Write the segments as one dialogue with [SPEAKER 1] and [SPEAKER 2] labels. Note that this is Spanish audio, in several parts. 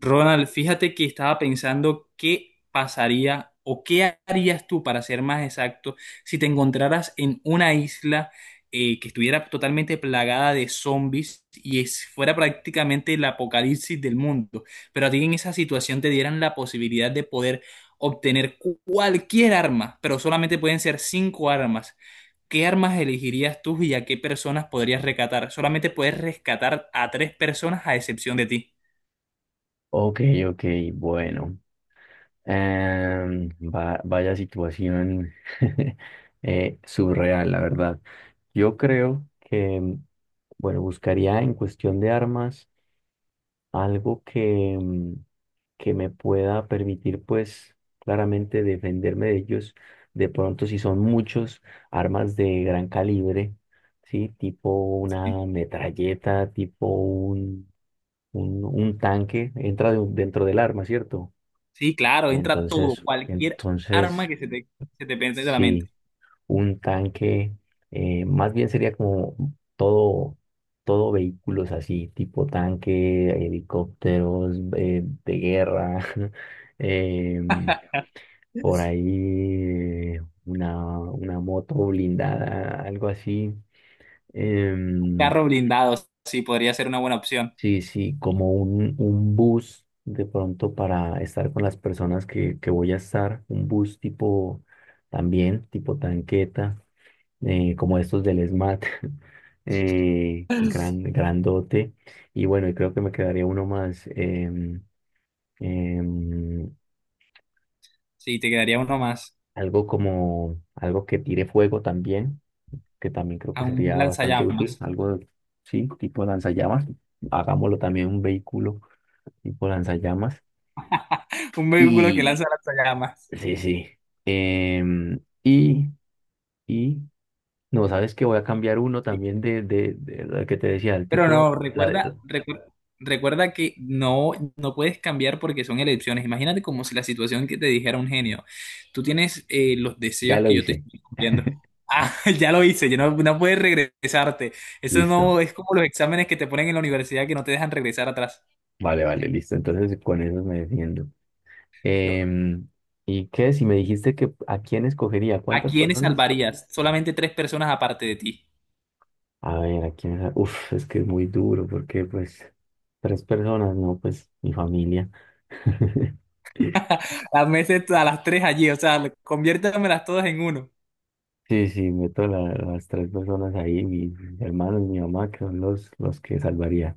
[SPEAKER 1] Ronald, fíjate que estaba pensando qué pasaría o qué harías tú, para ser más exacto, si te encontraras en una isla que estuviera totalmente plagada de zombies fuera prácticamente el apocalipsis del mundo. Pero a ti en esa situación te dieran la posibilidad de poder obtener cualquier arma, pero solamente pueden ser cinco armas. ¿Qué armas elegirías tú y a qué personas podrías rescatar? Solamente puedes rescatar a tres personas a excepción de ti.
[SPEAKER 2] Ok, ok, bueno. Vaya situación surreal, la verdad. Yo creo que, bueno, buscaría en cuestión de armas algo que, que me pueda permitir, pues, claramente defenderme de ellos. De pronto, si son muchos, armas de gran calibre, ¿sí? Tipo
[SPEAKER 1] Sí.
[SPEAKER 2] una metralleta, tipo un tanque, entra dentro del arma, ¿cierto?
[SPEAKER 1] Sí, claro, entra todo,
[SPEAKER 2] Entonces,
[SPEAKER 1] cualquier
[SPEAKER 2] entonces,
[SPEAKER 1] arma que se te pende de la mente.
[SPEAKER 2] sí, un tanque, más bien sería como todo, todo vehículos así, tipo tanque, helicópteros, de guerra, em, por ahí eh, una moto blindada, algo así. em,
[SPEAKER 1] Carro blindado, sí, podría ser una buena opción.
[SPEAKER 2] Sí, sí, como un bus de pronto para estar con las personas que voy a estar, un bus tipo también, tipo tanqueta, como estos del SMAT, eh, grandote. Y bueno, y creo que me quedaría uno más, em,
[SPEAKER 1] Sí, te quedaría uno más,
[SPEAKER 2] algo como algo que tire fuego también, que también creo que
[SPEAKER 1] a un
[SPEAKER 2] sería bastante útil,
[SPEAKER 1] lanzallamas.
[SPEAKER 2] algo, sí, tipo lanzallamas, hagámoslo también un vehículo tipo lanzallamas.
[SPEAKER 1] Un vehículo que lanza
[SPEAKER 2] Y
[SPEAKER 1] lanzallamas.
[SPEAKER 2] Sí, sí. Em, y, y, no, sabes que voy a cambiar uno también de lo que te decía, el
[SPEAKER 1] Pero
[SPEAKER 2] tipo,
[SPEAKER 1] no,
[SPEAKER 2] la, de-
[SPEAKER 1] recuerda, que no, no puedes cambiar porque son elecciones. Imagínate como si la situación que te dijera un genio. Tú tienes los
[SPEAKER 2] ya
[SPEAKER 1] deseos
[SPEAKER 2] lo
[SPEAKER 1] que yo te
[SPEAKER 2] hice.
[SPEAKER 1] estoy cumpliendo. Ah, ya lo hice, ya no, no puedes regresarte. Eso no
[SPEAKER 2] Listo.
[SPEAKER 1] es como los exámenes que te ponen en la universidad que no te dejan regresar atrás.
[SPEAKER 2] Vale, listo. Entonces con eso me defiendo.
[SPEAKER 1] Pero,
[SPEAKER 2] Em, ¿y qué? Si me dijiste que a quién escogería,
[SPEAKER 1] ¿a
[SPEAKER 2] ¿cuántas
[SPEAKER 1] quiénes
[SPEAKER 2] personas?
[SPEAKER 1] salvarías? Solamente tres personas aparte de ti.
[SPEAKER 2] A ver, Uf, es que es muy duro porque pues tres personas, no, pues mi familia.
[SPEAKER 1] Las meses a las tres allí, o sea, conviértamelas todas en uno.
[SPEAKER 2] Sí, sí, meto las tres personas ahí, mis hermanos, mi mamá, que son los que salvaría.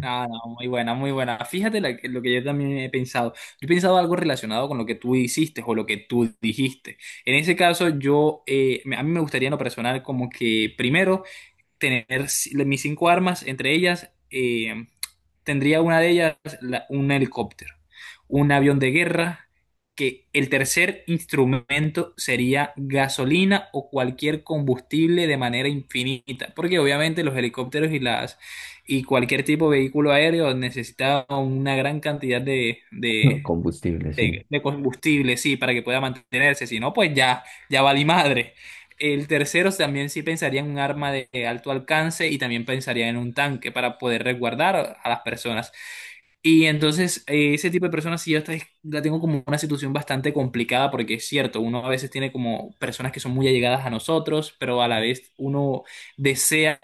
[SPEAKER 1] Ah, no, muy buena, muy buena. Fíjate lo que yo también he pensado. Yo he pensado algo relacionado con lo que tú hiciste o lo que tú dijiste. En ese caso, yo, a mí me gustaría en lo personal como que primero tener mis cinco armas, entre ellas tendría una de ellas un helicóptero, un avión de guerra, que el tercer instrumento sería gasolina o cualquier combustible de manera infinita, porque obviamente los helicópteros y las y cualquier tipo de vehículo aéreo necesita una gran cantidad de, de,
[SPEAKER 2] Combustible, sí,
[SPEAKER 1] de- de combustible, sí, para que pueda mantenerse, si no, pues ya, ya vale madre. El tercero también sí pensaría en un arma de alto alcance y también pensaría en un tanque para poder resguardar a las personas. Y entonces, ese tipo de personas, sí, yo hasta la tengo como una situación bastante complicada, porque es cierto, uno a veces tiene como personas que son muy allegadas a nosotros, pero a la vez uno desea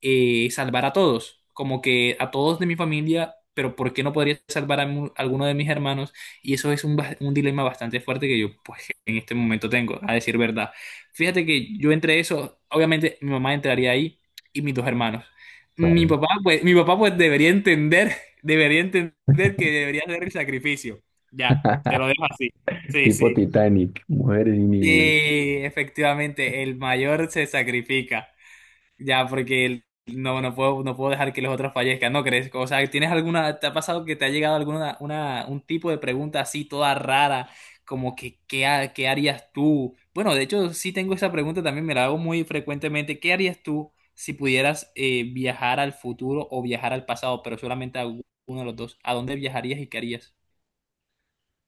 [SPEAKER 1] salvar a todos, como que a todos de mi familia, pero ¿por qué no podría salvar a alguno de mis hermanos? Y eso es un dilema bastante fuerte que yo, pues, en este momento tengo, a decir verdad. Fíjate que yo entre eso, obviamente mi mamá entraría ahí y mis dos hermanos. Mi
[SPEAKER 2] claro.
[SPEAKER 1] papá, pues, mi papá, pues, debería entender. Debería entender que debería hacer el sacrificio. Ya, te lo dejo así. Sí,
[SPEAKER 2] Tipo
[SPEAKER 1] sí.
[SPEAKER 2] Titanic, mujeres y niños.
[SPEAKER 1] Y efectivamente, el mayor se sacrifica. Ya, porque no, no puedo, no puedo dejar que los otros fallezcan, ¿no crees? O sea, ¿tienes alguna, te ha pasado que te ha llegado alguna, una, un tipo de pregunta así toda rara, como que, ¿qué harías tú? Bueno, de hecho, sí tengo esa pregunta también, me la hago muy frecuentemente. ¿Qué harías tú si pudieras viajar al futuro o viajar al pasado, pero solamente a uno de los dos? ¿A dónde viajarías y qué harías?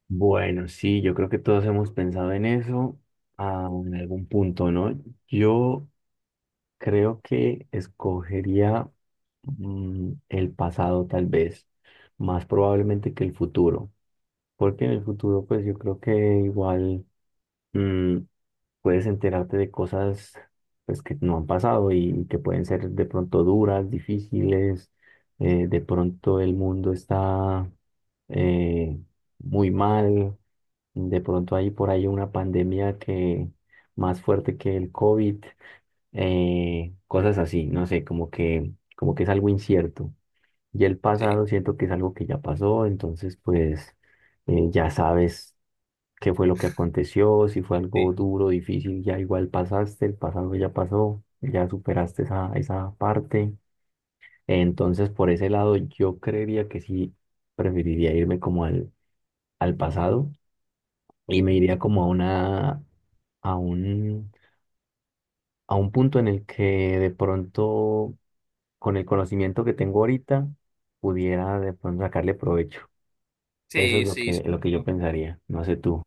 [SPEAKER 2] Bueno, sí, yo creo que todos hemos pensado en eso ah, en algún punto, ¿no? Yo creo que escogería mm, el pasado tal vez, más probablemente que el futuro, porque en el futuro pues yo creo que igual mm, puedes enterarte de cosas pues, que no han pasado y que pueden ser de pronto duras, difíciles, de pronto el mundo está eh, muy mal, de pronto hay por ahí una pandemia que más fuerte que el COVID, cosas así, no sé, como que es algo incierto. Y el
[SPEAKER 1] Sí,
[SPEAKER 2] pasado siento que es algo que ya pasó, entonces pues ya sabes qué fue lo que aconteció, si fue algo
[SPEAKER 1] sí.
[SPEAKER 2] duro, difícil, ya igual pasaste, el pasado ya pasó, ya superaste esa parte. Entonces, por ese lado, yo creería que sí preferiría irme como al pasado y me iría
[SPEAKER 1] Ujú.
[SPEAKER 2] como a una, a un, a un punto en el que de pronto, con el conocimiento que tengo ahorita, pudiera de pronto sacarle provecho. Eso es
[SPEAKER 1] Sí, sí, sí.
[SPEAKER 2] lo que yo pensaría. No sé tú.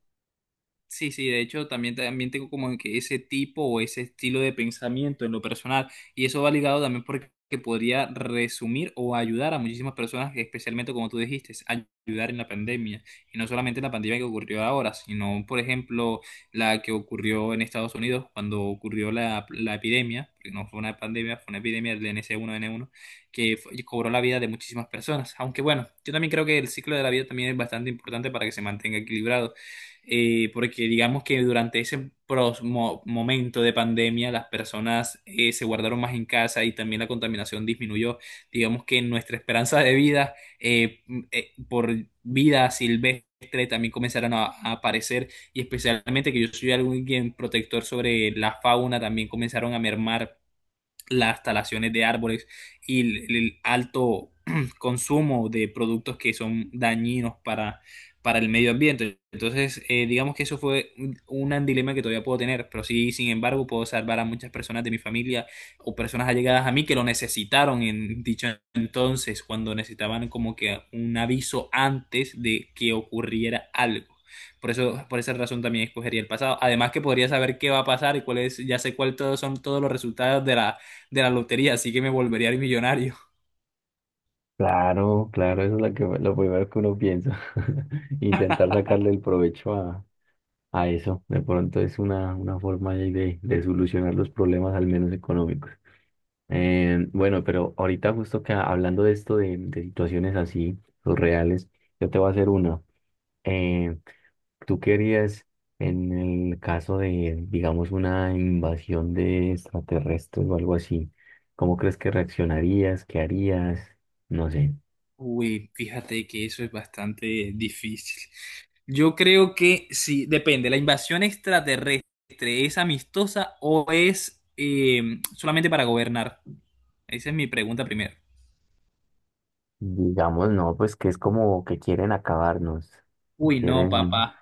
[SPEAKER 1] Sí, sí, de hecho también, también tengo como que ese tipo o ese estilo de pensamiento en lo personal y eso va ligado también porque podría resumir o ayudar a muchísimas personas, especialmente como tú dijiste, ayudar en la pandemia y no solamente en la pandemia que ocurrió ahora, sino por ejemplo la que ocurrió en Estados Unidos cuando ocurrió la epidemia, que no fue una pandemia, fue una epidemia del NC1N1 cobró la vida de muchísimas personas, aunque bueno, yo también creo que el ciclo de la vida también es bastante importante para que se mantenga equilibrado. Porque digamos que durante ese momento de pandemia las personas se guardaron más en casa y también la contaminación disminuyó. Digamos que nuestra esperanza de vida por vida silvestre también comenzaron a aparecer y especialmente que yo soy alguien protector sobre la fauna, también comenzaron a mermar las talaciones de árboles y el alto consumo de productos que son dañinos para el medio ambiente. Entonces, digamos que eso fue un dilema que todavía puedo tener, pero sí, sin embargo, puedo salvar a muchas personas de mi familia o personas allegadas a mí que lo necesitaron en dicho entonces, cuando necesitaban como que un aviso antes de que ocurriera algo. Por eso, por esa razón también escogería el pasado. Además que podría saber qué va a pasar y cuáles, ya sé cuáles todos son todos los resultados de la lotería, así que me volvería millonario.
[SPEAKER 2] Claro, claro, eso es lo que, lo primero que uno piensa. Intentar sacarle el provecho a eso. De pronto es una forma ahí de solucionar los problemas, al menos económicos. Bueno, pero ahorita justo que hablando de esto, de situaciones así, los reales, yo te voy a hacer una. Eh, ¿Tú querías, en el caso de, digamos, una invasión de extraterrestres o algo así, cómo crees que reaccionarías? ¿Qué harías? No sé.
[SPEAKER 1] Uy, fíjate que eso es bastante difícil. Yo creo que sí, depende, la invasión extraterrestre es amistosa o es solamente para gobernar. Esa es mi pregunta primero.
[SPEAKER 2] Digamos, no, pues que es como que quieren acabarnos, que
[SPEAKER 1] Uy, no,
[SPEAKER 2] quieren,
[SPEAKER 1] papá.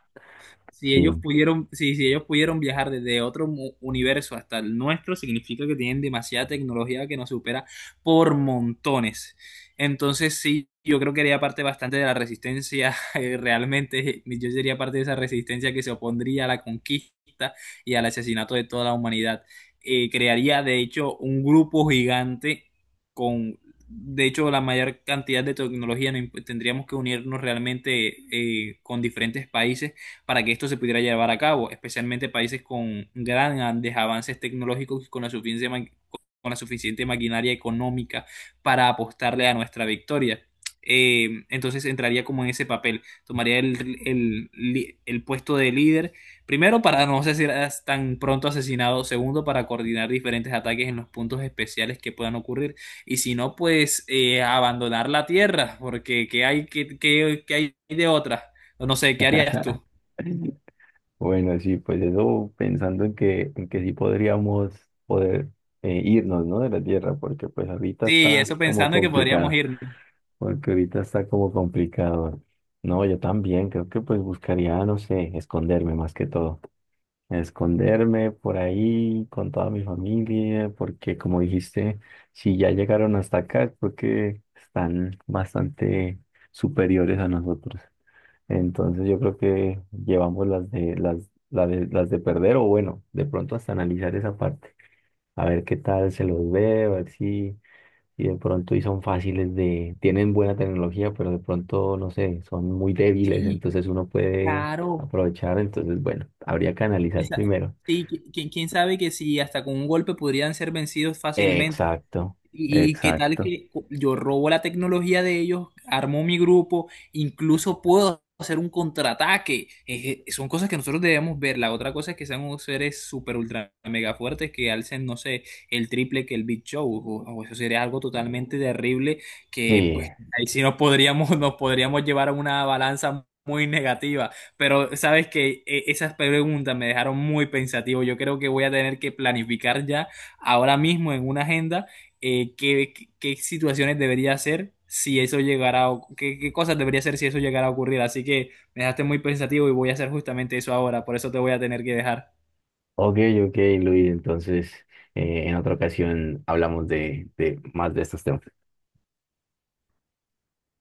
[SPEAKER 1] Si ellos
[SPEAKER 2] sí.
[SPEAKER 1] pudieron, si, si ellos pudieron viajar desde otro universo hasta el nuestro, significa que tienen demasiada tecnología que nos supera por montones. Entonces, sí, yo creo que haría parte bastante de la resistencia, realmente, yo sería parte de esa resistencia que se opondría a la conquista y al asesinato de toda la humanidad. Crearía, de hecho, un grupo gigante con, de hecho, la mayor cantidad de tecnología. No imp- Tendríamos que unirnos realmente con diferentes países para que esto se pudiera llevar a cabo, especialmente países con grandes avances tecnológicos y con la suficiente maquinaria económica para apostarle a nuestra victoria. Entonces entraría como en ese papel, tomaría el puesto de líder, primero para no ser tan pronto asesinado, segundo para coordinar diferentes ataques en los puntos especiales que puedan ocurrir y si no, pues abandonar la tierra, porque ¿qué hay de otra? No sé, ¿qué harías tú?
[SPEAKER 2] Bueno, sí, pues eso pensando en en que sí podríamos poder irnos, ¿no? De la Tierra, porque pues ahorita
[SPEAKER 1] Sí,
[SPEAKER 2] está
[SPEAKER 1] eso
[SPEAKER 2] como
[SPEAKER 1] pensando que podríamos
[SPEAKER 2] complicado,
[SPEAKER 1] irnos.
[SPEAKER 2] porque ahorita está como complicado. No, yo también creo que pues buscaría, no sé, esconderme más que todo, a esconderme por ahí con toda mi familia, porque como dijiste, si ya llegaron hasta acá es porque están bastante superiores a nosotros. Entonces yo creo que llevamos las de perder o bueno, de pronto hasta analizar esa parte, a ver qué tal se los ve, a ver si, si de pronto y son fáciles de, tienen buena tecnología, pero de pronto, no sé, son muy débiles,
[SPEAKER 1] Sí,
[SPEAKER 2] entonces uno puede
[SPEAKER 1] claro.
[SPEAKER 2] aprovechar, entonces bueno, habría que
[SPEAKER 1] Quién
[SPEAKER 2] analizar
[SPEAKER 1] sa-
[SPEAKER 2] primero.
[SPEAKER 1] Sí, quién sabe que si hasta con un golpe podrían ser vencidos fácilmente.
[SPEAKER 2] Exacto,
[SPEAKER 1] Y qué tal
[SPEAKER 2] exacto.
[SPEAKER 1] que yo robo la tecnología de ellos, armo mi grupo, incluso puedo hacer un contraataque. Es que son cosas que nosotros debemos ver. La otra cosa es que sean unos seres super ultra mega fuertes que alcen, no sé, el triple que el Big Show. O eso sería algo totalmente terrible que
[SPEAKER 2] Sí,
[SPEAKER 1] pues ahí sí nos podríamos, nos podríamos llevar a una balanza muy negativa. Pero sabes que esas preguntas me dejaron muy pensativo. Yo creo que voy a tener que planificar ya ahora mismo en una agenda qué situaciones debería hacer si eso llegara a, qué cosas debería hacer si eso llegara a ocurrir. Así que me dejaste muy pensativo y voy a hacer justamente eso ahora, por eso te voy a tener que dejar.
[SPEAKER 2] ok, ok, Luis. Entonces, en otra ocasión hablamos de más de estos temas.